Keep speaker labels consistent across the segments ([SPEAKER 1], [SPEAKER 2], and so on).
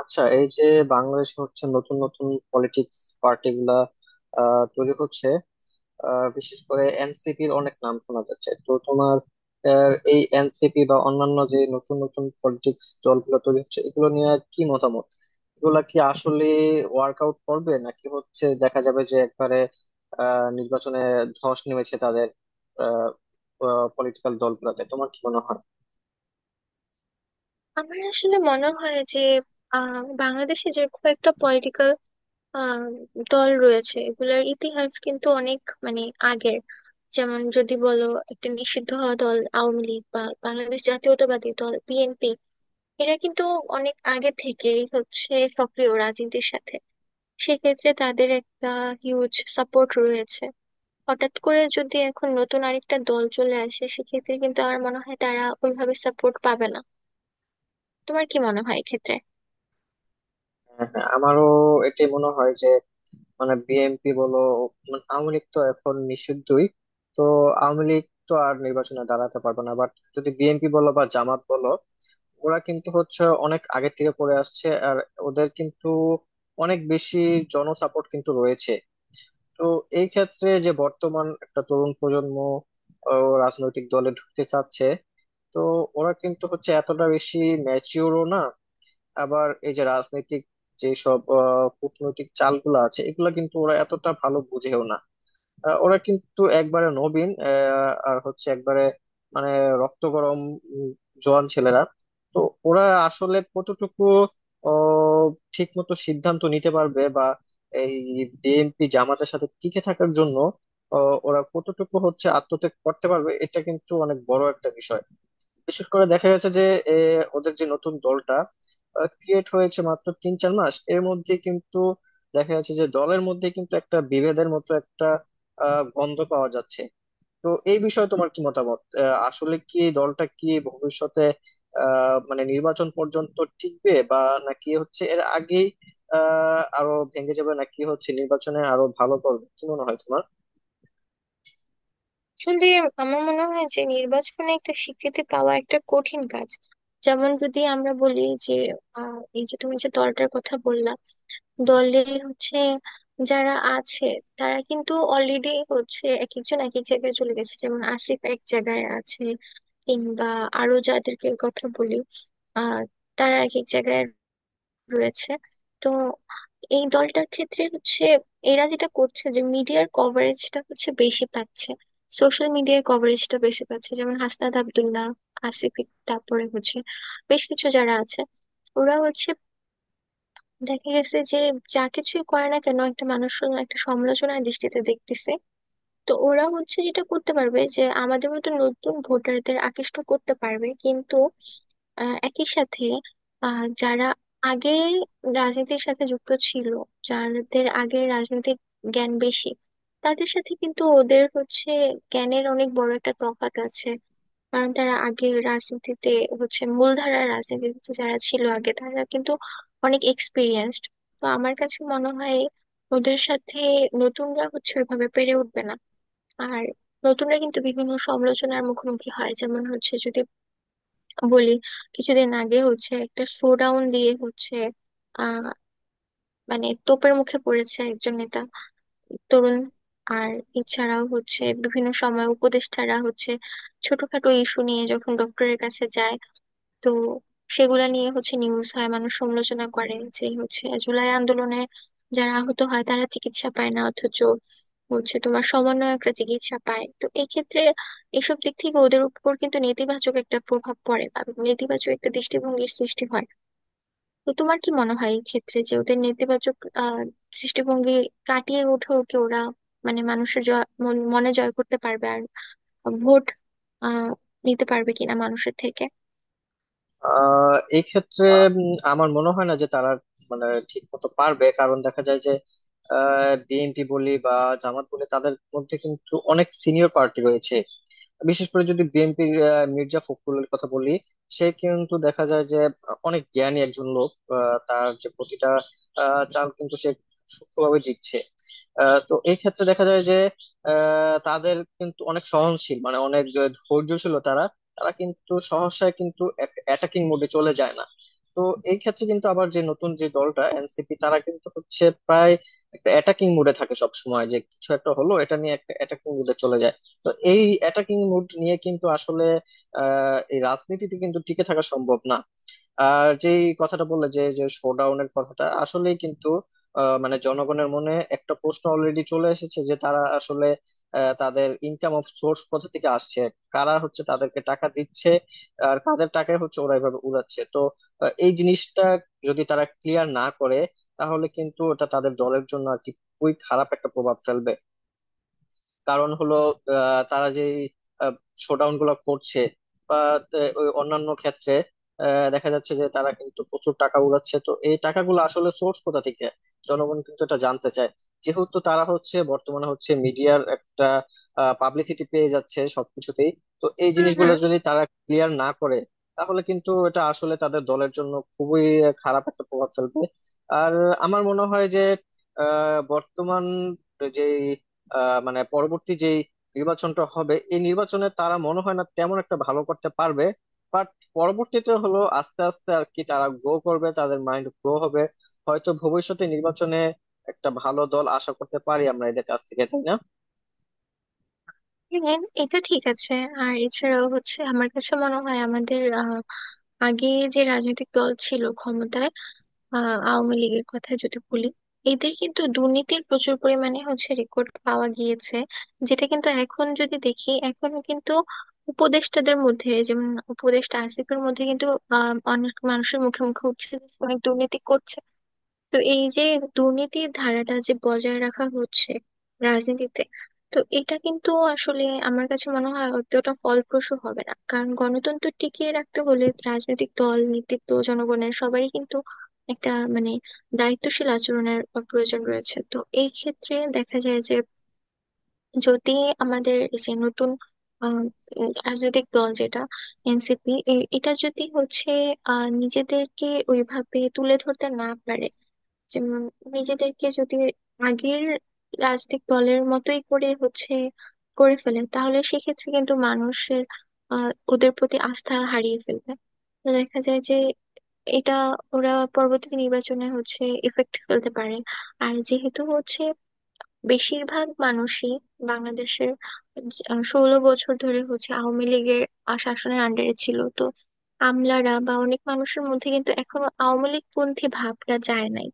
[SPEAKER 1] আচ্ছা, এই যে বাংলাদেশ হচ্ছে নতুন নতুন পলিটিক্স পার্টি গুলা তৈরি হচ্ছে। বিশেষ করে এনসিপির অনেক নাম শোনা যাচ্ছে, তো তোমার এই এনসিপি বা অন্যান্য যে নতুন নতুন পলিটিক্স দলগুলো তৈরি হচ্ছে এগুলো নিয়ে কি মতামত? এগুলা কি আসলে ওয়ার্কআউট করবে, নাকি হচ্ছে দেখা যাবে যে একবারে নির্বাচনে ধস নেমেছে তাদের আহ পলিটিক্যাল দলগুলোতে, তোমার কি মনে হয়?
[SPEAKER 2] আমার আসলে মনে হয় যে আহ, বাংলাদেশে যে কয়েকটা পলিটিক্যাল দল রয়েছে এগুলোর ইতিহাস কিন্তু অনেক মানে আগের, যেমন যদি বলো একটা নিষিদ্ধ হওয়া দল আওয়ামী লীগ বা বাংলাদেশ জাতীয়তাবাদী দল বিএনপি, এরা কিন্তু অনেক আগে থেকেই হচ্ছে সক্রিয় রাজনীতির সাথে। সেক্ষেত্রে তাদের একটা হিউজ সাপোর্ট রয়েছে। হঠাৎ করে যদি এখন নতুন আরেকটা দল চলে আসে সেক্ষেত্রে কিন্তু আমার মনে হয় তারা ওইভাবে সাপোর্ট পাবে না। তোমার কি মনে হয় এক্ষেত্রে?
[SPEAKER 1] হ্যাঁ, হ্যাঁ, আমারও এটাই মনে হয় যে মানে বিএনপি বলো, মানে আওয়ামী লীগ তো এখন নিষিদ্ধই, তো আওয়ামী লীগ তো আর নির্বাচনে দাঁড়াতে পারবে না, বাট যদি বিএনপি বলো বা জামাত বলো, ওরা কিন্তু হচ্ছে অনেক আগে থেকে পড়ে আসছে, আর ওদের কিন্তু অনেক বেশি জনসাপোর্ট কিন্তু রয়েছে। তো এই ক্ষেত্রে যে বর্তমান একটা তরুণ প্রজন্ম ও রাজনৈতিক দলে ঢুকতে চাচ্ছে, তো ওরা কিন্তু হচ্ছে এতটা বেশি ম্যাচিওরও না। আবার এই যে রাজনৈতিক যেসব কূটনৈতিক চালগুলো আছে এগুলা কিন্তু ওরা এতটা ভালো বুঝেও না। ওরা কিন্তু একবারে নবীন, আর হচ্ছে একবারে মানে রক্ত গরম উম, জোয়ান ছেলেরা। তো ওরা আসলে কতটুকু ঠিক মতো সিদ্ধান্ত নিতে পারবে, বা এই বিএনপি জামাতের সাথে টিকে থাকার জন্য ওরা কতটুকু হচ্ছে আত্মত্যাগ করতে পারবে, এটা কিন্তু অনেক বড় একটা বিষয়। বিশেষ করে দেখা গেছে যে এ, ওদের যে নতুন দলটা ক্রিয়েট হয়েছে মাত্র তিন চার মাস, এর মধ্যে কিন্তু দেখা যাচ্ছে যে দলের মধ্যে কিন্তু একটা বিভেদের মতো একটা গন্ধ পাওয়া যাচ্ছে। তো এই বিষয়ে তোমার কি মতামত? আসলে কি এই দলটা কি ভবিষ্যতে মানে নির্বাচন পর্যন্ত টিকবে, বা নাকি হচ্ছে এর আগেই আরো ভেঙে যাবে, নাকি হচ্ছে নির্বাচনে আরো ভালো করবে, কি মনে হয় তোমার?
[SPEAKER 2] আসলে আমার মনে হয় যে নির্বাচনে একটা স্বীকৃতি পাওয়া একটা কঠিন কাজ। যেমন যদি আমরা বলি যে এই যে তুমি যে দলটার কথা বললা, দলে হচ্ছে যারা আছে তারা কিন্তু অলরেডি হচ্ছে এক একজন এক এক জায়গায় চলে গেছে, যেমন আসিফ এক জায়গায় আছে, কিংবা আরো যাদেরকে কথা বলি আহ তারা এক এক জায়গায় রয়েছে। তো এই দলটার ক্ষেত্রে হচ্ছে এরা যেটা করছে যে মিডিয়ার কভারেজটা হচ্ছে বেশি পাচ্ছে, সোশ্যাল মিডিয়ায় কভারেজটা বেশি পাচ্ছে, যেমন হাসনাত আব্দুল্লাহ, আসিফ তারপরে হচ্ছে বেশ কিছু যারা আছে, ওরা হচ্ছে দেখা গেছে যে যা কিছুই করে না কেন একটা মানুষ শুধু একটা সমালোচনার দৃষ্টিতে দেখতেছে। তো ওরা হচ্ছে যেটা করতে পারবে যে আমাদের মতো নতুন ভোটারদের আকৃষ্ট করতে পারবে, কিন্তু একই সাথে যারা আগে রাজনীতির সাথে যুক্ত ছিল, যাদের আগে রাজনৈতিক জ্ঞান বেশি, তাদের সাথে কিন্তু ওদের হচ্ছে জ্ঞানের অনেক বড় একটা তফাৎ আছে। কারণ তারা আগে রাজনীতিতে হচ্ছে মূলধারার রাজনীতিতে যারা ছিল আগে তারা কিন্তু অনেক এক্সপিরিয়েন্সড। তো আমার কাছে মনে হয় ওদের সাথে নতুনরা হচ্ছে ওইভাবে পেরে উঠবে না। আর নতুনরা কিন্তু বিভিন্ন সমালোচনার মুখোমুখি হয়, যেমন হচ্ছে যদি বলি কিছুদিন আগে হচ্ছে একটা শোডাউন দিয়ে হচ্ছে আহ মানে তোপের মুখে পড়েছে একজন নেতা, তরুণ। আর এছাড়াও হচ্ছে বিভিন্ন সময় উপদেষ্টারা হচ্ছে ছোটখাটো ইস্যু নিয়ে যখন ডক্টরের কাছে যায়, তো সেগুলা নিয়ে হচ্ছে নিউজ হয়, মানুষ সমালোচনা করে যে হচ্ছে জুলাই আন্দোলনে যারা আহত হয় তারা চিকিৎসা পায় না অথচ হচ্ছে তোমার সমন্বয়করা চিকিৎসা পায়। তো এই ক্ষেত্রে এসব দিক থেকে ওদের উপর কিন্তু নেতিবাচক একটা প্রভাব পড়ে বা নেতিবাচক একটা দৃষ্টিভঙ্গির সৃষ্টি হয়। তো তোমার কি মনে হয় এই ক্ষেত্রে যে ওদের নেতিবাচক আহ দৃষ্টিভঙ্গি কাটিয়ে উঠেও কি ওরা মানে মানুষের জয় মনে জয় করতে পারবে আর ভোট আহ নিতে পারবে কিনা মানুষের থেকে?
[SPEAKER 1] এই ক্ষেত্রে আমার মনে হয় না যে তারা মানে ঠিক মতো পারবে, কারণ দেখা যায় যে বিএনপি বলি বা জামাত বলি তাদের মধ্যে কিন্তু অনেক সিনিয়র পার্টি রয়েছে। বিশেষ করে যদি বিএনপির মির্জা ফখরুলের কথা বলি, সে কিন্তু দেখা যায় যে অনেক জ্ঞানী একজন লোক। তার যে প্রতিটা চাল কিন্তু সে সূক্ষ্মভাবে দিচ্ছে। তো এই ক্ষেত্রে দেখা যায় যে তাদের কিন্তু অনেক সহনশীল, মানে অনেক ধৈর্যশীল তারা। তারা কিন্তু সহসায় কিন্তু অ্যাটাকিং মোডে চলে যায় না। তো এই ক্ষেত্রে কিন্তু আবার যে নতুন যে দলটা এনসিপি, তারা কিন্তু হচ্ছে প্রায় একটা অ্যাটাকিং মুডে থাকে সব সময়, যে কিছু একটা হলো এটা নিয়ে একটা অ্যাটাকিং মুডে চলে যায়। তো এই অ্যাটাকিং মুড নিয়ে কিন্তু আসলে এই রাজনীতিতে কিন্তু টিকে থাকা সম্ভব না। আর যে কথাটা বললে যে যে শোডাউনের কথাটা আসলেই কিন্তু মানে জনগণের মনে একটা প্রশ্ন অলরেডি চলে এসেছে, যে তারা আসলে তাদের ইনকাম অফ সোর্স কোথা থেকে আসছে, কারা হচ্ছে তাদেরকে টাকা দিচ্ছে, আর কাদের টাকা হচ্ছে ওরা এভাবে উড়াচ্ছে। তো এই জিনিসটা যদি তারা ক্লিয়ার না করে তাহলে কিন্তু ওটা তাদের দলের জন্য আর কি খুবই খারাপ একটা প্রভাব ফেলবে। কারণ হলো তারা যে শোডাউন গুলো করছে, বা ওই অন্যান্য ক্ষেত্রে দেখা যাচ্ছে যে তারা কিন্তু প্রচুর টাকা উড়াচ্ছে, তো এই টাকাগুলো আসলে সোর্স কোথা থেকে, জনগণ কিন্তু এটা জানতে চায়। যেহেতু তারা হচ্ছে বর্তমানে হচ্ছে মিডিয়ার একটা পাবলিসিটি পেয়ে যাচ্ছে সবকিছুতেই, তো এই
[SPEAKER 2] হম।
[SPEAKER 1] জিনিসগুলো যদি তারা ক্লিয়ার না করে তাহলে কিন্তু এটা আসলে তাদের দলের জন্য খুবই খারাপ একটা প্রভাব ফেলবে। আর আমার মনে হয় যে বর্তমান যে মানে পরবর্তী যে নির্বাচনটা হবে, এই নির্বাচনে তারা মনে হয় না তেমন একটা ভালো করতে পারবে, বাট পরবর্তীতে হলো আস্তে আস্তে আর কি তারা গ্রো করবে, তাদের মাইন্ড গ্রো হবে। হয়তো ভবিষ্যতে নির্বাচনে একটা ভালো দল আশা করতে পারি আমরা এদের কাছ থেকে, তাই না?
[SPEAKER 2] হ্যাঁ, এটা ঠিক আছে। আর এছাড়াও হচ্ছে আমার কাছে মনে হয় আমাদের আগে যে রাজনৈতিক দল ছিল ক্ষমতায়, আওয়ামী লীগের কথা যদি বলি, এদের কিন্তু দুর্নীতির প্রচুর পরিমাণে হচ্ছে রেকর্ড পাওয়া গিয়েছে। যেটা কিন্তু এখন যদি দেখি এখনো কিন্তু উপদেষ্টাদের মধ্যে, যেমন উপদেষ্টা আসিফের মধ্যে কিন্তু অনেক মানুষের মুখে মুখে উঠছে যে অনেক দুর্নীতি করছে। তো এই যে দুর্নীতির ধারাটা যে বজায় রাখা হচ্ছে রাজনীতিতে, তো এটা কিন্তু আসলে আমার কাছে মনে হয় অতটা ফলপ্রসূ হবে না, কারণ গণতন্ত্র টিকিয়ে রাখতে হলে রাজনৈতিক দল, নেতৃত্ব, জনগণের সবারই কিন্তু একটা মানে দায়িত্বশীল আচরণের প্রয়োজন রয়েছে। তো এই ক্ষেত্রে দেখা যায় যে যদি আমাদের এই যে নতুন আহ, রাজনৈতিক দল যেটা এনসিপি, এটা যদি হচ্ছে নিজেদেরকে ওইভাবে তুলে ধরতে না পারে, যেমন নিজেদেরকে যদি আগের রাজনৈতিক দলের মতোই করে হচ্ছে করে ফেলে তাহলে সেক্ষেত্রে কিন্তু মানুষের ওদের প্রতি আস্থা হারিয়ে ফেলবে। তো দেখা যায় যে এটা ওরা পরবর্তী নির্বাচনে হচ্ছে এফেক্ট ফেলতে পারে। আর যেহেতু হচ্ছে বেশিরভাগ মানুষই বাংলাদেশের 16 বছর ধরে হচ্ছে আওয়ামী লীগের শাসনের আন্ডারে ছিল, তো আমলারা বা অনেক মানুষের মধ্যে কিন্তু এখনো আওয়ামী লীগ পন্থী ভাবটা যায় নাই।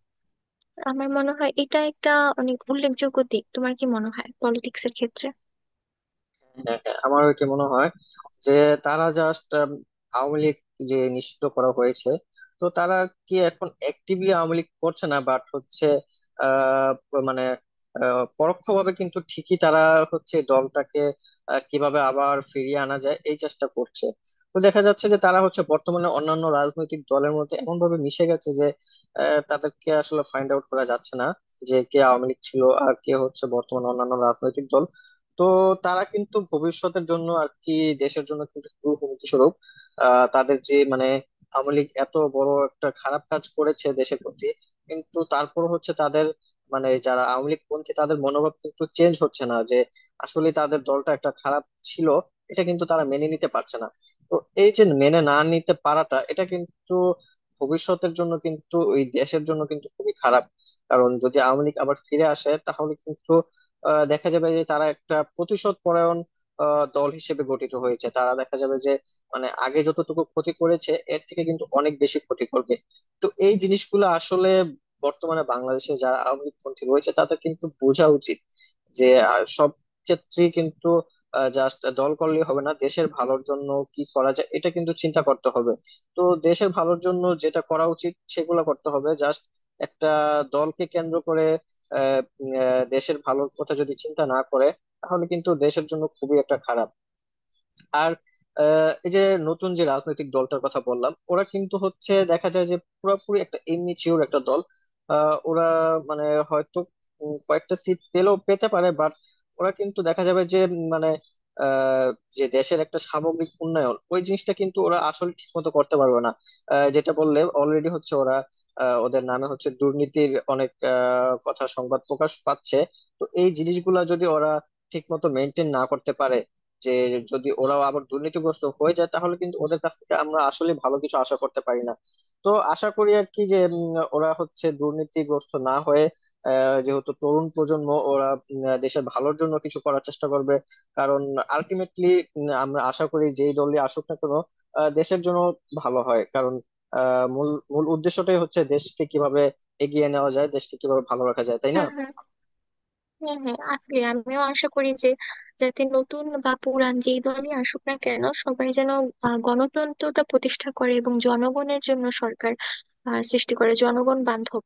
[SPEAKER 2] আমার মনে হয় এটা একটা অনেক উল্লেখযোগ্য দিক। তোমার কি মনে হয় পলিটিক্স এর ক্ষেত্রে?
[SPEAKER 1] হ্যাঁ, হ্যাঁ, আমার কি মনে হয় যে তারা জাস্ট আওয়ামী লীগ যে নিষিদ্ধ করা হয়েছে, তো তারা কি এখন অ্যাক্টিভলি আওয়ামী লীগ করছে না, বাট হচ্ছে আহ মানে পরোক্ষভাবে কিন্তু ঠিকই তারা হচ্ছে দলটাকে কিভাবে আবার ফিরিয়ে আনা যায় এই চেষ্টা করছে। তো দেখা যাচ্ছে যে তারা হচ্ছে বর্তমানে অন্যান্য রাজনৈতিক দলের মধ্যে এমন ভাবে মিশে গেছে যে তাদেরকে আসলে ফাইন্ড আউট করা যাচ্ছে না, যে কে আওয়ামী লীগ ছিল আর কে হচ্ছে বর্তমানে অন্যান্য রাজনৈতিক দল। তো তারা কিন্তু ভবিষ্যতের জন্য আর কি দেশের জন্য কিন্তু খুবই হুমকি স্বরূপ। তাদের যে মানে আওয়ামী লীগ এত বড় একটা খারাপ কাজ করেছে দেশের প্রতি, কিন্তু তারপর হচ্ছে তাদের মানে যারা আওয়ামী লীগ পন্থী তাদের মনোভাব কিন্তু চেঞ্জ হচ্ছে না যে আসলে তাদের দলটা একটা খারাপ ছিল, এটা কিন্তু তারা মেনে নিতে পারছে না। তো এই যে মেনে না নিতে পারাটা, এটা কিন্তু ভবিষ্যতের জন্য কিন্তু ওই দেশের জন্য কিন্তু খুবই খারাপ, কারণ যদি আওয়ামী লীগ আবার ফিরে আসে তাহলে কিন্তু দেখা যাবে যে তারা একটা প্রতিশোধ পরায়ণ দল হিসেবে গঠিত হয়েছে, তারা দেখা যাবে যে মানে আগে যতটুকু ক্ষতি করেছে এর থেকে কিন্তু অনেক বেশি ক্ষতি করবে। তো এই জিনিসগুলো আসলে বর্তমানে বাংলাদেশে যারা আওয়ামী লীগপন্থী রয়েছে তাদের কিন্তু বোঝা উচিত যে সব ক্ষেত্রেই কিন্তু জাস্ট দল করলেই হবে না, দেশের ভালোর জন্য কি করা যায় এটা কিন্তু চিন্তা করতে হবে। তো দেশের ভালোর জন্য যেটা করা উচিত সেগুলো করতে হবে, জাস্ট একটা দলকে কেন্দ্র করে দেশের ভালোর কথা যদি চিন্তা না করে তাহলে কিন্তু দেশের জন্য খুবই একটা খারাপ। আর এই যে নতুন যে রাজনৈতিক দলটার কথা বললাম, ওরা কিন্তু হচ্ছে দেখা যায় যে পুরোপুরি একটা ইমেচিওর একটা দল। ওরা মানে হয়তো কয়েকটা সিট পেলেও পেতে পারে, বাট ওরা কিন্তু দেখা যাবে যে মানে আহ, যে দেশের একটা সামগ্রিক উন্নয়ন, ওই জিনিসটা কিন্তু ওরা আসলে ঠিক মতো করতে পারবে না। যেটা বললে অলরেডি হচ্ছে ওরা, ওদের নামে হচ্ছে দুর্নীতির অনেক কথা সংবাদ প্রকাশ পাচ্ছে। তো এই জিনিসগুলা যদি ওরা ঠিক মতো মেনটেন না করতে পারে, যে যদি ওরাও আবার দুর্নীতিগ্রস্ত হয়ে যায়, তাহলে কিন্তু ওদের কাছ থেকে আমরা আসলে ভালো কিছু আশা করতে পারি না। তো আশা করি আর কি যে ওরা হচ্ছে দুর্নীতিগ্রস্ত না হয়ে যেহেতু তরুণ প্রজন্ম ওরা দেশের ভালোর জন্য কিছু করার চেষ্টা করবে। কারণ আলটিমেটলি আমরা আশা করি যেই দলই আসুক না কেন দেশের জন্য ভালো হয়, কারণ মূল মূল উদ্দেশ্যটাই হচ্ছে দেশকে কিভাবে এগিয়ে নেওয়া যায়, দেশকে কিভাবে ভালো রাখা যায়, তাই না?
[SPEAKER 2] হুম হুম। হ্যাঁ হ্যাঁ, আসলে আমিও আশা করি যে, যাতে নতুন বা পুরান যেই দলই আসুক না কেন সবাই যেন গণতন্ত্রটা প্রতিষ্ঠা করে এবং জনগণের জন্য সরকার সৃষ্টি করে, জনগণ বান্ধব।